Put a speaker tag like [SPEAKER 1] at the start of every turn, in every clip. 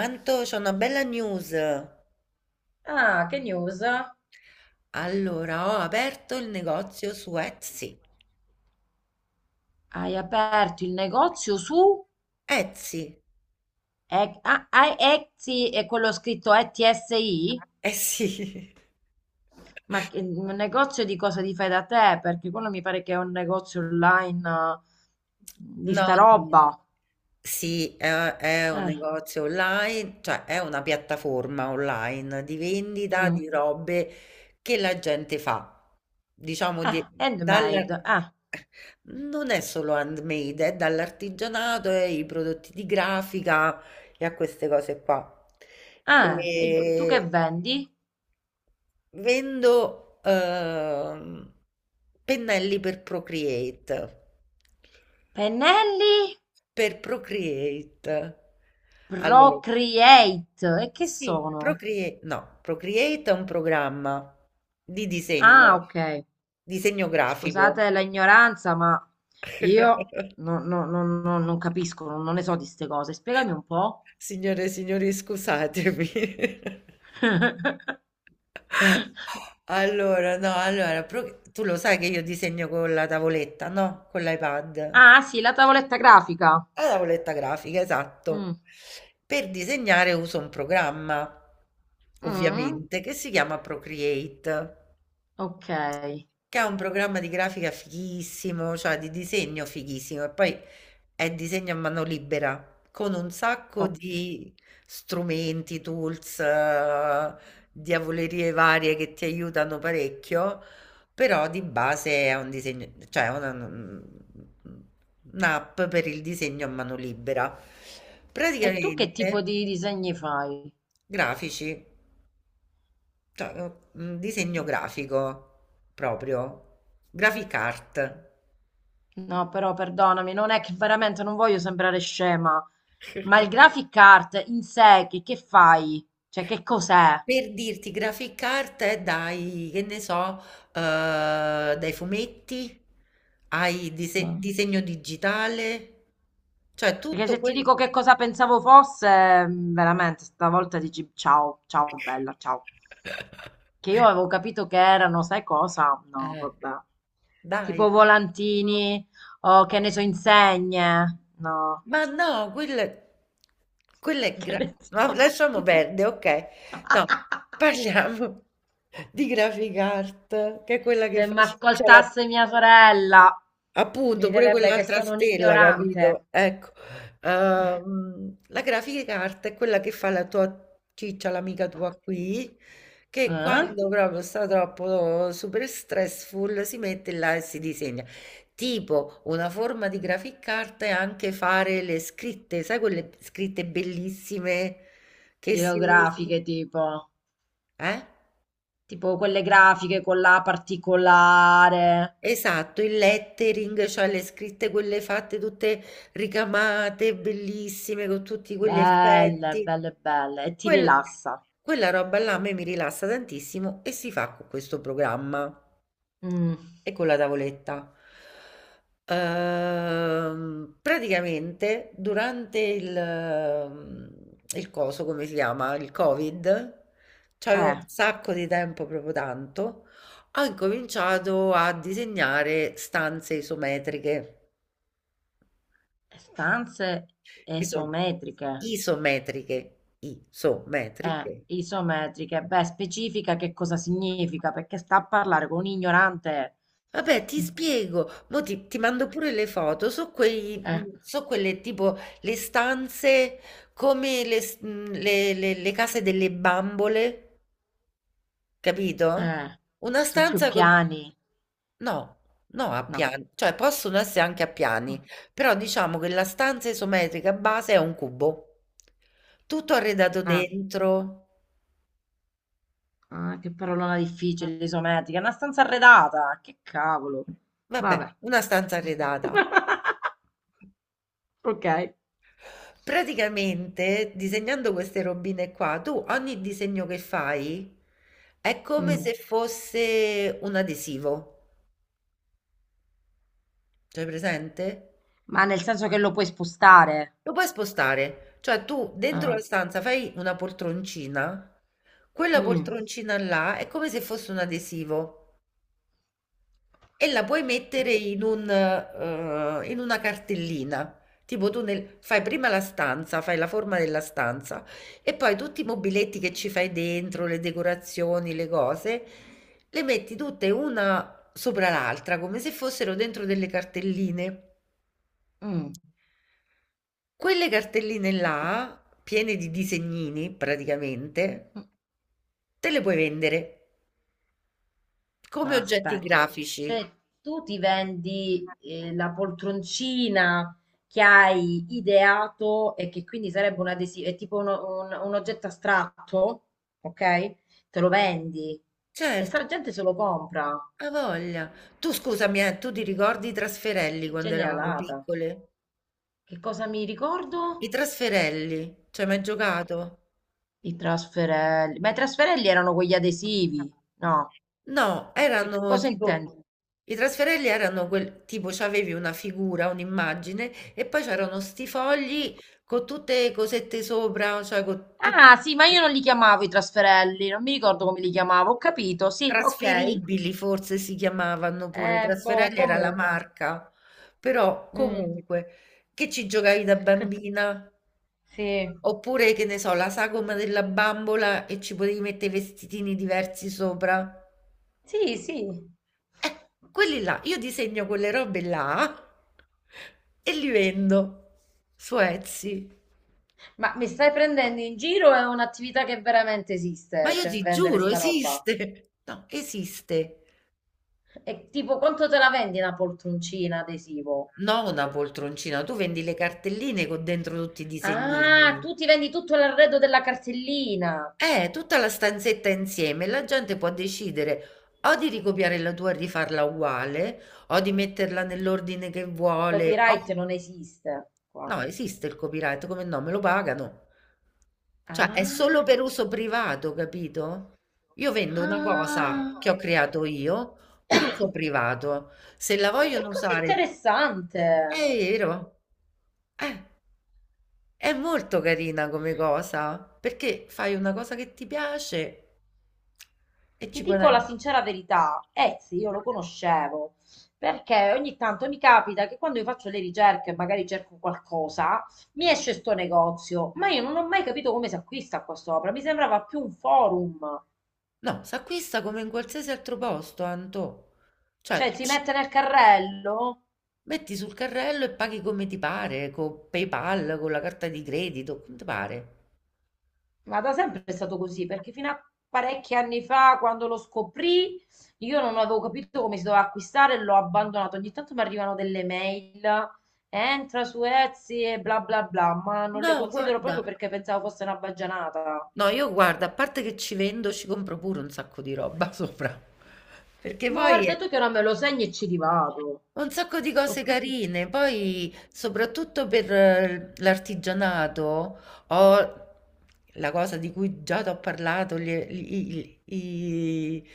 [SPEAKER 1] Anto, c'ho una bella news.
[SPEAKER 2] Ah, che news?
[SPEAKER 1] Allora, ho aperto il negozio su Etsy.
[SPEAKER 2] Hai aperto il negozio su
[SPEAKER 1] Etsy?
[SPEAKER 2] Etsy e quello scritto ETSI?
[SPEAKER 1] Eh sì.
[SPEAKER 2] Ma un negozio di cosa ti fai da te? Perché quello mi pare che è un negozio online, di
[SPEAKER 1] No,
[SPEAKER 2] sta
[SPEAKER 1] no, no.
[SPEAKER 2] roba.
[SPEAKER 1] Sì, è un
[SPEAKER 2] Eh,
[SPEAKER 1] negozio online, cioè è una piattaforma online di vendita
[SPEAKER 2] mm.
[SPEAKER 1] di robe che la gente fa. Diciamo di,
[SPEAKER 2] Handmade.
[SPEAKER 1] dalla- non è solo handmade, è dall'artigianato e i prodotti di grafica e a queste cose qua.
[SPEAKER 2] Eh. E tu che
[SPEAKER 1] E,
[SPEAKER 2] vendi?
[SPEAKER 1] vendo pennelli per Procreate.
[SPEAKER 2] Pennelli
[SPEAKER 1] Per Procreate. Allora,
[SPEAKER 2] Procreate. E che
[SPEAKER 1] sì,
[SPEAKER 2] sono?
[SPEAKER 1] Procreate, no, Procreate è un programma di
[SPEAKER 2] Ah,
[SPEAKER 1] disegno,
[SPEAKER 2] ok.
[SPEAKER 1] disegno grafico.
[SPEAKER 2] Scusate la ignoranza, ma io non, non- non- non- non capisco, non ne so di queste cose. Spiegami un po'.
[SPEAKER 1] Signore e signori, scusatemi. Allora, no, allora, tu lo sai che io disegno con la tavoletta, no? Con l'iPad.
[SPEAKER 2] Ah, sì, la tavoletta grafica.
[SPEAKER 1] La tavoletta grafica, esatto.
[SPEAKER 2] Mm.
[SPEAKER 1] Per disegnare uso un programma,
[SPEAKER 2] Mm.
[SPEAKER 1] ovviamente, che si chiama Procreate.
[SPEAKER 2] Ok,
[SPEAKER 1] Che ha un programma di grafica fighissimo, cioè di disegno fighissimo, e poi è disegno a mano libera, con un sacco
[SPEAKER 2] ok.
[SPEAKER 1] di strumenti, tools, diavolerie varie che ti aiutano parecchio, però di base è un disegno, cioè è un'app per il disegno a mano libera.
[SPEAKER 2] E tu che tipo
[SPEAKER 1] Praticamente
[SPEAKER 2] di disegni fai?
[SPEAKER 1] grafici. Cioè, un disegno grafico proprio, graphic art.
[SPEAKER 2] No, però perdonami, non è che veramente non voglio sembrare scema, ma il graphic art in sé che fai? Cioè, che cos'è?
[SPEAKER 1] Per dirti, graphic art è dai, che ne so, dai fumetti, ai
[SPEAKER 2] Mm.
[SPEAKER 1] disegno digitale, cioè
[SPEAKER 2] Perché
[SPEAKER 1] tutto
[SPEAKER 2] se ti
[SPEAKER 1] quello.
[SPEAKER 2] dico che cosa pensavo fosse, veramente, stavolta dici ciao, ciao bella, ciao. Che io avevo capito che erano, sai cosa? No,
[SPEAKER 1] Eh,
[SPEAKER 2] vabbè.
[SPEAKER 1] dai.
[SPEAKER 2] Tipo volantini o che ne so, insegne. No,
[SPEAKER 1] Ma no, quelle quella è
[SPEAKER 2] che
[SPEAKER 1] gra
[SPEAKER 2] ne
[SPEAKER 1] ma
[SPEAKER 2] so.
[SPEAKER 1] lasciamo perde, okay. No, parliamo di Graphic Art, che è quella che
[SPEAKER 2] Se mi
[SPEAKER 1] face c'è la.
[SPEAKER 2] ascoltasse mia sorella, mi
[SPEAKER 1] Appunto, pure
[SPEAKER 2] direbbe che
[SPEAKER 1] quell'altra
[SPEAKER 2] sono un
[SPEAKER 1] stella, capito?
[SPEAKER 2] ignorante.
[SPEAKER 1] Ecco, la grafica carta è quella che fa la tua ciccia, l'amica tua qui, che
[SPEAKER 2] Eh?
[SPEAKER 1] quando proprio sta troppo super stressful si mette là e si disegna. Tipo, una forma di grafica carta è anche fare le scritte, sai quelle scritte bellissime che si usano?
[SPEAKER 2] Tirografiche tipo,
[SPEAKER 1] Eh?
[SPEAKER 2] tipo quelle grafiche con la particolare.
[SPEAKER 1] Esatto, il lettering, cioè le scritte quelle fatte tutte ricamate, bellissime, con tutti quegli
[SPEAKER 2] Belle,
[SPEAKER 1] effetti.
[SPEAKER 2] belle, belle. E ti
[SPEAKER 1] Quel-
[SPEAKER 2] rilassa.
[SPEAKER 1] quella roba là a me mi rilassa tantissimo e si fa con questo programma
[SPEAKER 2] Mm.
[SPEAKER 1] e con la tavoletta. Praticamente durante il coso, come si chiama, il Covid, c'avevo
[SPEAKER 2] Eh,
[SPEAKER 1] un sacco di tempo, proprio tanto, ho incominciato a disegnare stanze isometriche.
[SPEAKER 2] stanze
[SPEAKER 1] Iso-
[SPEAKER 2] esometriche.
[SPEAKER 1] isometriche.
[SPEAKER 2] Isometriche. Beh, specifica che cosa significa, perché sta a parlare con un ignorante.
[SPEAKER 1] Vabbè, ti spiego, mo ti mando pure le foto, so, quei,
[SPEAKER 2] Eh,
[SPEAKER 1] so quelle tipo le stanze come le, s- le case delle bambole, capito?
[SPEAKER 2] eh,
[SPEAKER 1] Una
[SPEAKER 2] su più
[SPEAKER 1] stanza con...
[SPEAKER 2] piani.
[SPEAKER 1] No, no, a
[SPEAKER 2] No.
[SPEAKER 1] piani, cioè possono essere anche a piani, però diciamo che la stanza isometrica base è un cubo, tutto arredato
[SPEAKER 2] Ah,
[SPEAKER 1] dentro,
[SPEAKER 2] ah, che parolona difficile, isometrica. È una stanza arredata. Che cavolo.
[SPEAKER 1] vabbè,
[SPEAKER 2] Vabbè.
[SPEAKER 1] una stanza arredata.
[SPEAKER 2] Ok.
[SPEAKER 1] Praticamente, disegnando queste robine qua, tu ogni disegno che fai è come
[SPEAKER 2] Mm.
[SPEAKER 1] se fosse un adesivo. C'hai presente?
[SPEAKER 2] Ma nel senso che lo puoi spostare.
[SPEAKER 1] Lo puoi spostare, cioè tu dentro la
[SPEAKER 2] Ah,
[SPEAKER 1] stanza fai una poltroncina, quella
[SPEAKER 2] mm,
[SPEAKER 1] poltroncina là è come se fosse un adesivo. E la puoi mettere in un, in una cartellina. Tipo tu fai prima la stanza, fai la forma della stanza e poi tutti i mobiletti che ci fai dentro, le decorazioni, le cose, le metti tutte una sopra l'altra, come se fossero dentro delle cartelline.
[SPEAKER 2] mm.
[SPEAKER 1] Quelle cartelline là, piene di disegnini praticamente, te le puoi vendere come
[SPEAKER 2] No,
[SPEAKER 1] oggetti
[SPEAKER 2] aspetta.
[SPEAKER 1] grafici.
[SPEAKER 2] Cioè, tu ti vendi, la poltroncina che hai ideato e che quindi sarebbe un adesivo, è tipo un oggetto astratto, ok? Te lo vendi e
[SPEAKER 1] Certo.
[SPEAKER 2] sta gente se lo compra.
[SPEAKER 1] A' voglia. Tu scusami, tu ti ricordi i trasferelli
[SPEAKER 2] Che
[SPEAKER 1] quando eravamo
[SPEAKER 2] genialata.
[SPEAKER 1] piccole?
[SPEAKER 2] Che cosa mi
[SPEAKER 1] I
[SPEAKER 2] ricordo?
[SPEAKER 1] trasferelli, ci hai mai giocato?
[SPEAKER 2] I trasferelli. Ma i trasferelli erano quegli adesivi, no?
[SPEAKER 1] No,
[SPEAKER 2] Che
[SPEAKER 1] erano
[SPEAKER 2] cosa intendi?
[SPEAKER 1] tipo i trasferelli erano quel tipo c'avevi una figura, un'immagine e poi c'erano sti fogli con tutte le cosette sopra, cioè con tutti
[SPEAKER 2] Ah, sì, ma io non li chiamavo i trasferelli, non mi ricordo come li chiamavo, ho capito, sì, ok.
[SPEAKER 1] trasferibili forse si chiamavano pure,
[SPEAKER 2] Boh,
[SPEAKER 1] trasferelli era la
[SPEAKER 2] comunque.
[SPEAKER 1] marca. Però
[SPEAKER 2] Mm.
[SPEAKER 1] comunque che ci giocavi da bambina?
[SPEAKER 2] Sì,
[SPEAKER 1] Oppure, che ne so, la sagoma della bambola e ci potevi mettere i vestitini diversi sopra.
[SPEAKER 2] sì, sì.
[SPEAKER 1] Quelli là, io disegno quelle robe là e li vendo su Etsy.
[SPEAKER 2] Ma mi stai prendendo in giro? È un'attività che veramente
[SPEAKER 1] Ma
[SPEAKER 2] esiste,
[SPEAKER 1] io ti
[SPEAKER 2] cioè vendere
[SPEAKER 1] giuro,
[SPEAKER 2] sta roba.
[SPEAKER 1] esiste. No, esiste.
[SPEAKER 2] E tipo, quanto te la vendi una poltroncina adesivo?
[SPEAKER 1] No, una poltroncina, tu vendi le cartelline con dentro tutti i
[SPEAKER 2] Ah,
[SPEAKER 1] disegnini.
[SPEAKER 2] tu ti vendi tutto l'arredo della cartellina.
[SPEAKER 1] Tutta la stanzetta insieme, la gente può decidere o di ricopiare la tua e rifarla uguale, o di metterla nell'ordine che vuole.
[SPEAKER 2] Copyright non esiste qua.
[SPEAKER 1] No, esiste il copyright, come no? Me lo pagano. Cioè, è solo
[SPEAKER 2] Ah.
[SPEAKER 1] per uso privato, capito? Io vendo una cosa che
[SPEAKER 2] Ah,
[SPEAKER 1] ho creato io per uso privato. Se la
[SPEAKER 2] ma che
[SPEAKER 1] vogliono
[SPEAKER 2] cosa
[SPEAKER 1] usare, è
[SPEAKER 2] interessante!
[SPEAKER 1] vero. Eh, è molto carina come cosa, perché fai una cosa che ti piace e
[SPEAKER 2] Ti
[SPEAKER 1] ci
[SPEAKER 2] dico la
[SPEAKER 1] guadagni.
[SPEAKER 2] sincera verità, Etsy io lo conoscevo perché ogni tanto mi capita che quando io faccio le ricerche, magari cerco qualcosa, mi esce sto negozio, ma io non ho mai capito come si acquista qua sopra. Mi sembrava più un forum,
[SPEAKER 1] No, si acquista come in qualsiasi altro posto, Anto. Cioè,
[SPEAKER 2] cioè
[SPEAKER 1] tu
[SPEAKER 2] si
[SPEAKER 1] ci
[SPEAKER 2] mette nel carrello.
[SPEAKER 1] metti sul carrello e paghi come ti pare, con PayPal, con la carta di credito, come ti pare.
[SPEAKER 2] Ma da sempre è stato così, perché fino a parecchi anni fa, quando lo scoprì, io non avevo capito come si doveva acquistare e l'ho abbandonato. Ogni tanto mi arrivano delle mail, entra su Etsy e bla bla bla, ma non le
[SPEAKER 1] No,
[SPEAKER 2] considero proprio
[SPEAKER 1] guarda.
[SPEAKER 2] perché pensavo fosse una baggianata.
[SPEAKER 1] No, io guarda, a parte che ci vendo, ci compro pure un sacco di roba sopra. Perché
[SPEAKER 2] Ma
[SPEAKER 1] poi
[SPEAKER 2] guarda
[SPEAKER 1] è...
[SPEAKER 2] tu che ora me lo segni e ci rivado.
[SPEAKER 1] Un sacco di
[SPEAKER 2] Sono
[SPEAKER 1] cose
[SPEAKER 2] proprio
[SPEAKER 1] carine, poi soprattutto per l'artigianato ho la cosa di cui già ti ho parlato,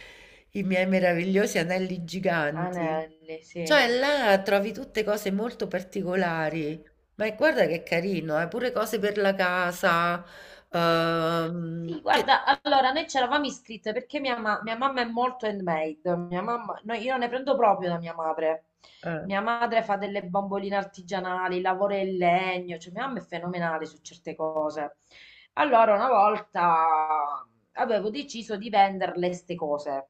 [SPEAKER 1] i miei meravigliosi anelli giganti.
[SPEAKER 2] anelli, sì.
[SPEAKER 1] Cioè là trovi tutte cose molto particolari, ma guarda che carino, pure cose per la casa, ehm,
[SPEAKER 2] Sì,
[SPEAKER 1] che-
[SPEAKER 2] guarda, allora noi ci eravamo iscritte perché mia, mia mamma è molto handmade. Mia mamma, no, io ne prendo proprio da mia madre.
[SPEAKER 1] eh,
[SPEAKER 2] Mia madre fa delle bamboline artigianali, lavora in legno, cioè mia mamma è fenomenale su certe cose. Allora, una volta avevo deciso di venderle ste cose.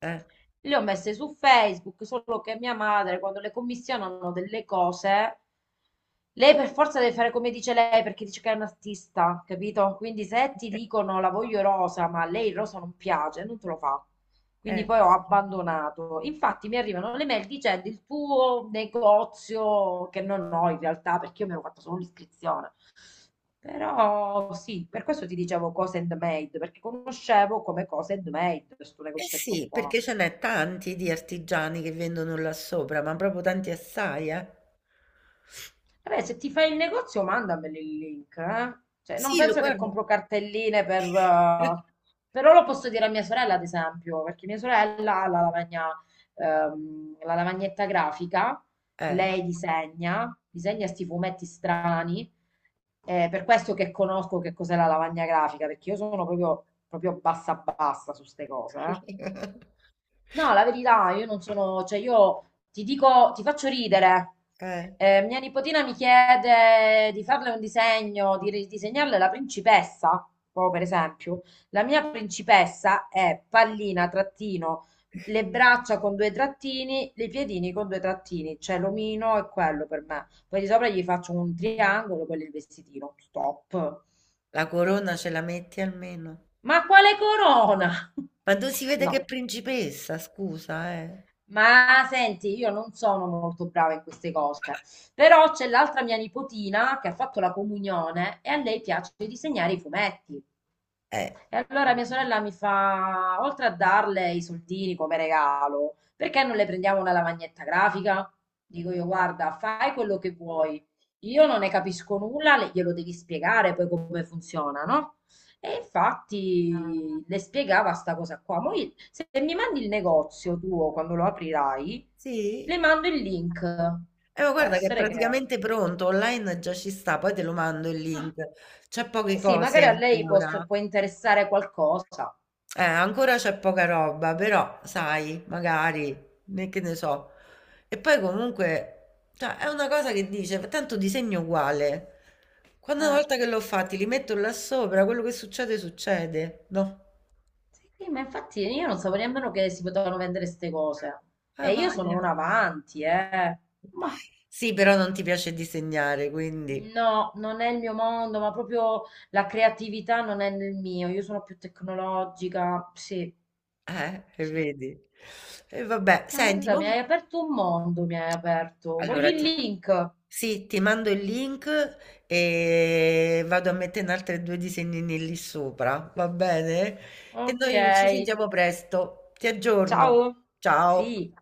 [SPEAKER 1] eh,
[SPEAKER 2] Le ho messe su Facebook, solo che mia madre, quando le commissionano delle cose, lei per forza deve fare come dice lei, perché dice che è un artista, capito? Quindi se ti dicono la voglio rosa, ma a lei il rosa non piace, non te lo fa. Quindi
[SPEAKER 1] eh.
[SPEAKER 2] poi ho abbandonato. Infatti mi arrivano le mail dicendo il tuo negozio, che non ho in realtà, perché io mi ero fatta solo l'iscrizione. Però sì, per questo ti dicevo cose handmade, perché conoscevo come cose handmade questo
[SPEAKER 1] Eh
[SPEAKER 2] negozietto
[SPEAKER 1] sì,
[SPEAKER 2] qua.
[SPEAKER 1] perché ce n'è tanti di artigiani che vendono là sopra, ma proprio tanti assai, eh.
[SPEAKER 2] Vabbè, se ti fai il negozio, mandameli il link, eh. Cioè, non
[SPEAKER 1] Sì, lo
[SPEAKER 2] penso che
[SPEAKER 1] guardo.
[SPEAKER 2] compro cartelline per... però lo posso dire a mia sorella, ad esempio, perché mia sorella ha la lavagna, la lavagnetta grafica,
[SPEAKER 1] Eh.
[SPEAKER 2] lei disegna, disegna sti fumetti strani, per questo che conosco che cos'è la lavagna grafica, perché io sono proprio, proprio bassa bassa su ste cose, eh. No, la verità, io non sono, cioè io ti dico, ti faccio ridere.
[SPEAKER 1] Eh,
[SPEAKER 2] Mia nipotina mi chiede di farle un disegno, di ridisegnarle la principessa, proprio per esempio. La mia principessa è pallina, trattino, le braccia con due trattini, i piedini con due trattini, cioè l'omino è quello per me. Poi di sopra gli faccio un triangolo, quello è il vestitino, stop.
[SPEAKER 1] la corona ce la metti almeno.
[SPEAKER 2] Ma quale corona?
[SPEAKER 1] Ma tu si vede che è
[SPEAKER 2] No.
[SPEAKER 1] principessa, scusa, eh.
[SPEAKER 2] Ma senti, io non sono molto brava in queste cose, però c'è l'altra mia nipotina che ha fatto la comunione e a lei piace disegnare i fumetti.
[SPEAKER 1] Eh.
[SPEAKER 2] E allora mia sorella mi fa, oltre a darle i soldini come regalo, perché non le prendiamo una lavagnetta grafica? Dico io, guarda, fai quello che vuoi. Io non ne capisco nulla, glielo devi spiegare poi come funziona, no? E infatti le spiegava sta cosa qua. Mo se mi mandi il negozio tuo quando lo aprirai,
[SPEAKER 1] Sì.
[SPEAKER 2] le mando il link.
[SPEAKER 1] Ma
[SPEAKER 2] Può
[SPEAKER 1] guarda che è
[SPEAKER 2] essere che...
[SPEAKER 1] praticamente pronto, online già ci sta, poi te lo mando il
[SPEAKER 2] Ah,
[SPEAKER 1] link. C'è
[SPEAKER 2] eh
[SPEAKER 1] poche
[SPEAKER 2] sì,
[SPEAKER 1] cose
[SPEAKER 2] magari a lei può
[SPEAKER 1] ancora.
[SPEAKER 2] può interessare qualcosa.
[SPEAKER 1] Ancora c'è poca roba, però sai, magari, né che ne so. E poi comunque, cioè, è una cosa che dice, tanto disegno uguale. Quando una
[SPEAKER 2] Eh.
[SPEAKER 1] volta che l'ho fatti, li metto là sopra, quello che succede, succede, no?
[SPEAKER 2] Sì, ma infatti io non sapevo nemmeno che si potevano vendere queste cose.
[SPEAKER 1] Ah,
[SPEAKER 2] E io sono
[SPEAKER 1] voglia.
[SPEAKER 2] una avanti, eh. Ma
[SPEAKER 1] Sì, però non ti piace disegnare, quindi...
[SPEAKER 2] no, non è il mio mondo, ma proprio la creatività non è nel mio. Io sono più tecnologica. Sì,
[SPEAKER 1] E
[SPEAKER 2] sì.
[SPEAKER 1] vedi? E vabbè,
[SPEAKER 2] Ma
[SPEAKER 1] senti,
[SPEAKER 2] guarda,
[SPEAKER 1] mo
[SPEAKER 2] mi hai aperto un mondo, mi hai aperto. Voglio
[SPEAKER 1] allora,
[SPEAKER 2] il link.
[SPEAKER 1] sì, ti mando il link e vado a mettere altri due disegnini lì sopra, va bene? E
[SPEAKER 2] Ok,
[SPEAKER 1] noi ci sentiamo presto. Ti aggiorno.
[SPEAKER 2] ciao.
[SPEAKER 1] Ciao.
[SPEAKER 2] Sì.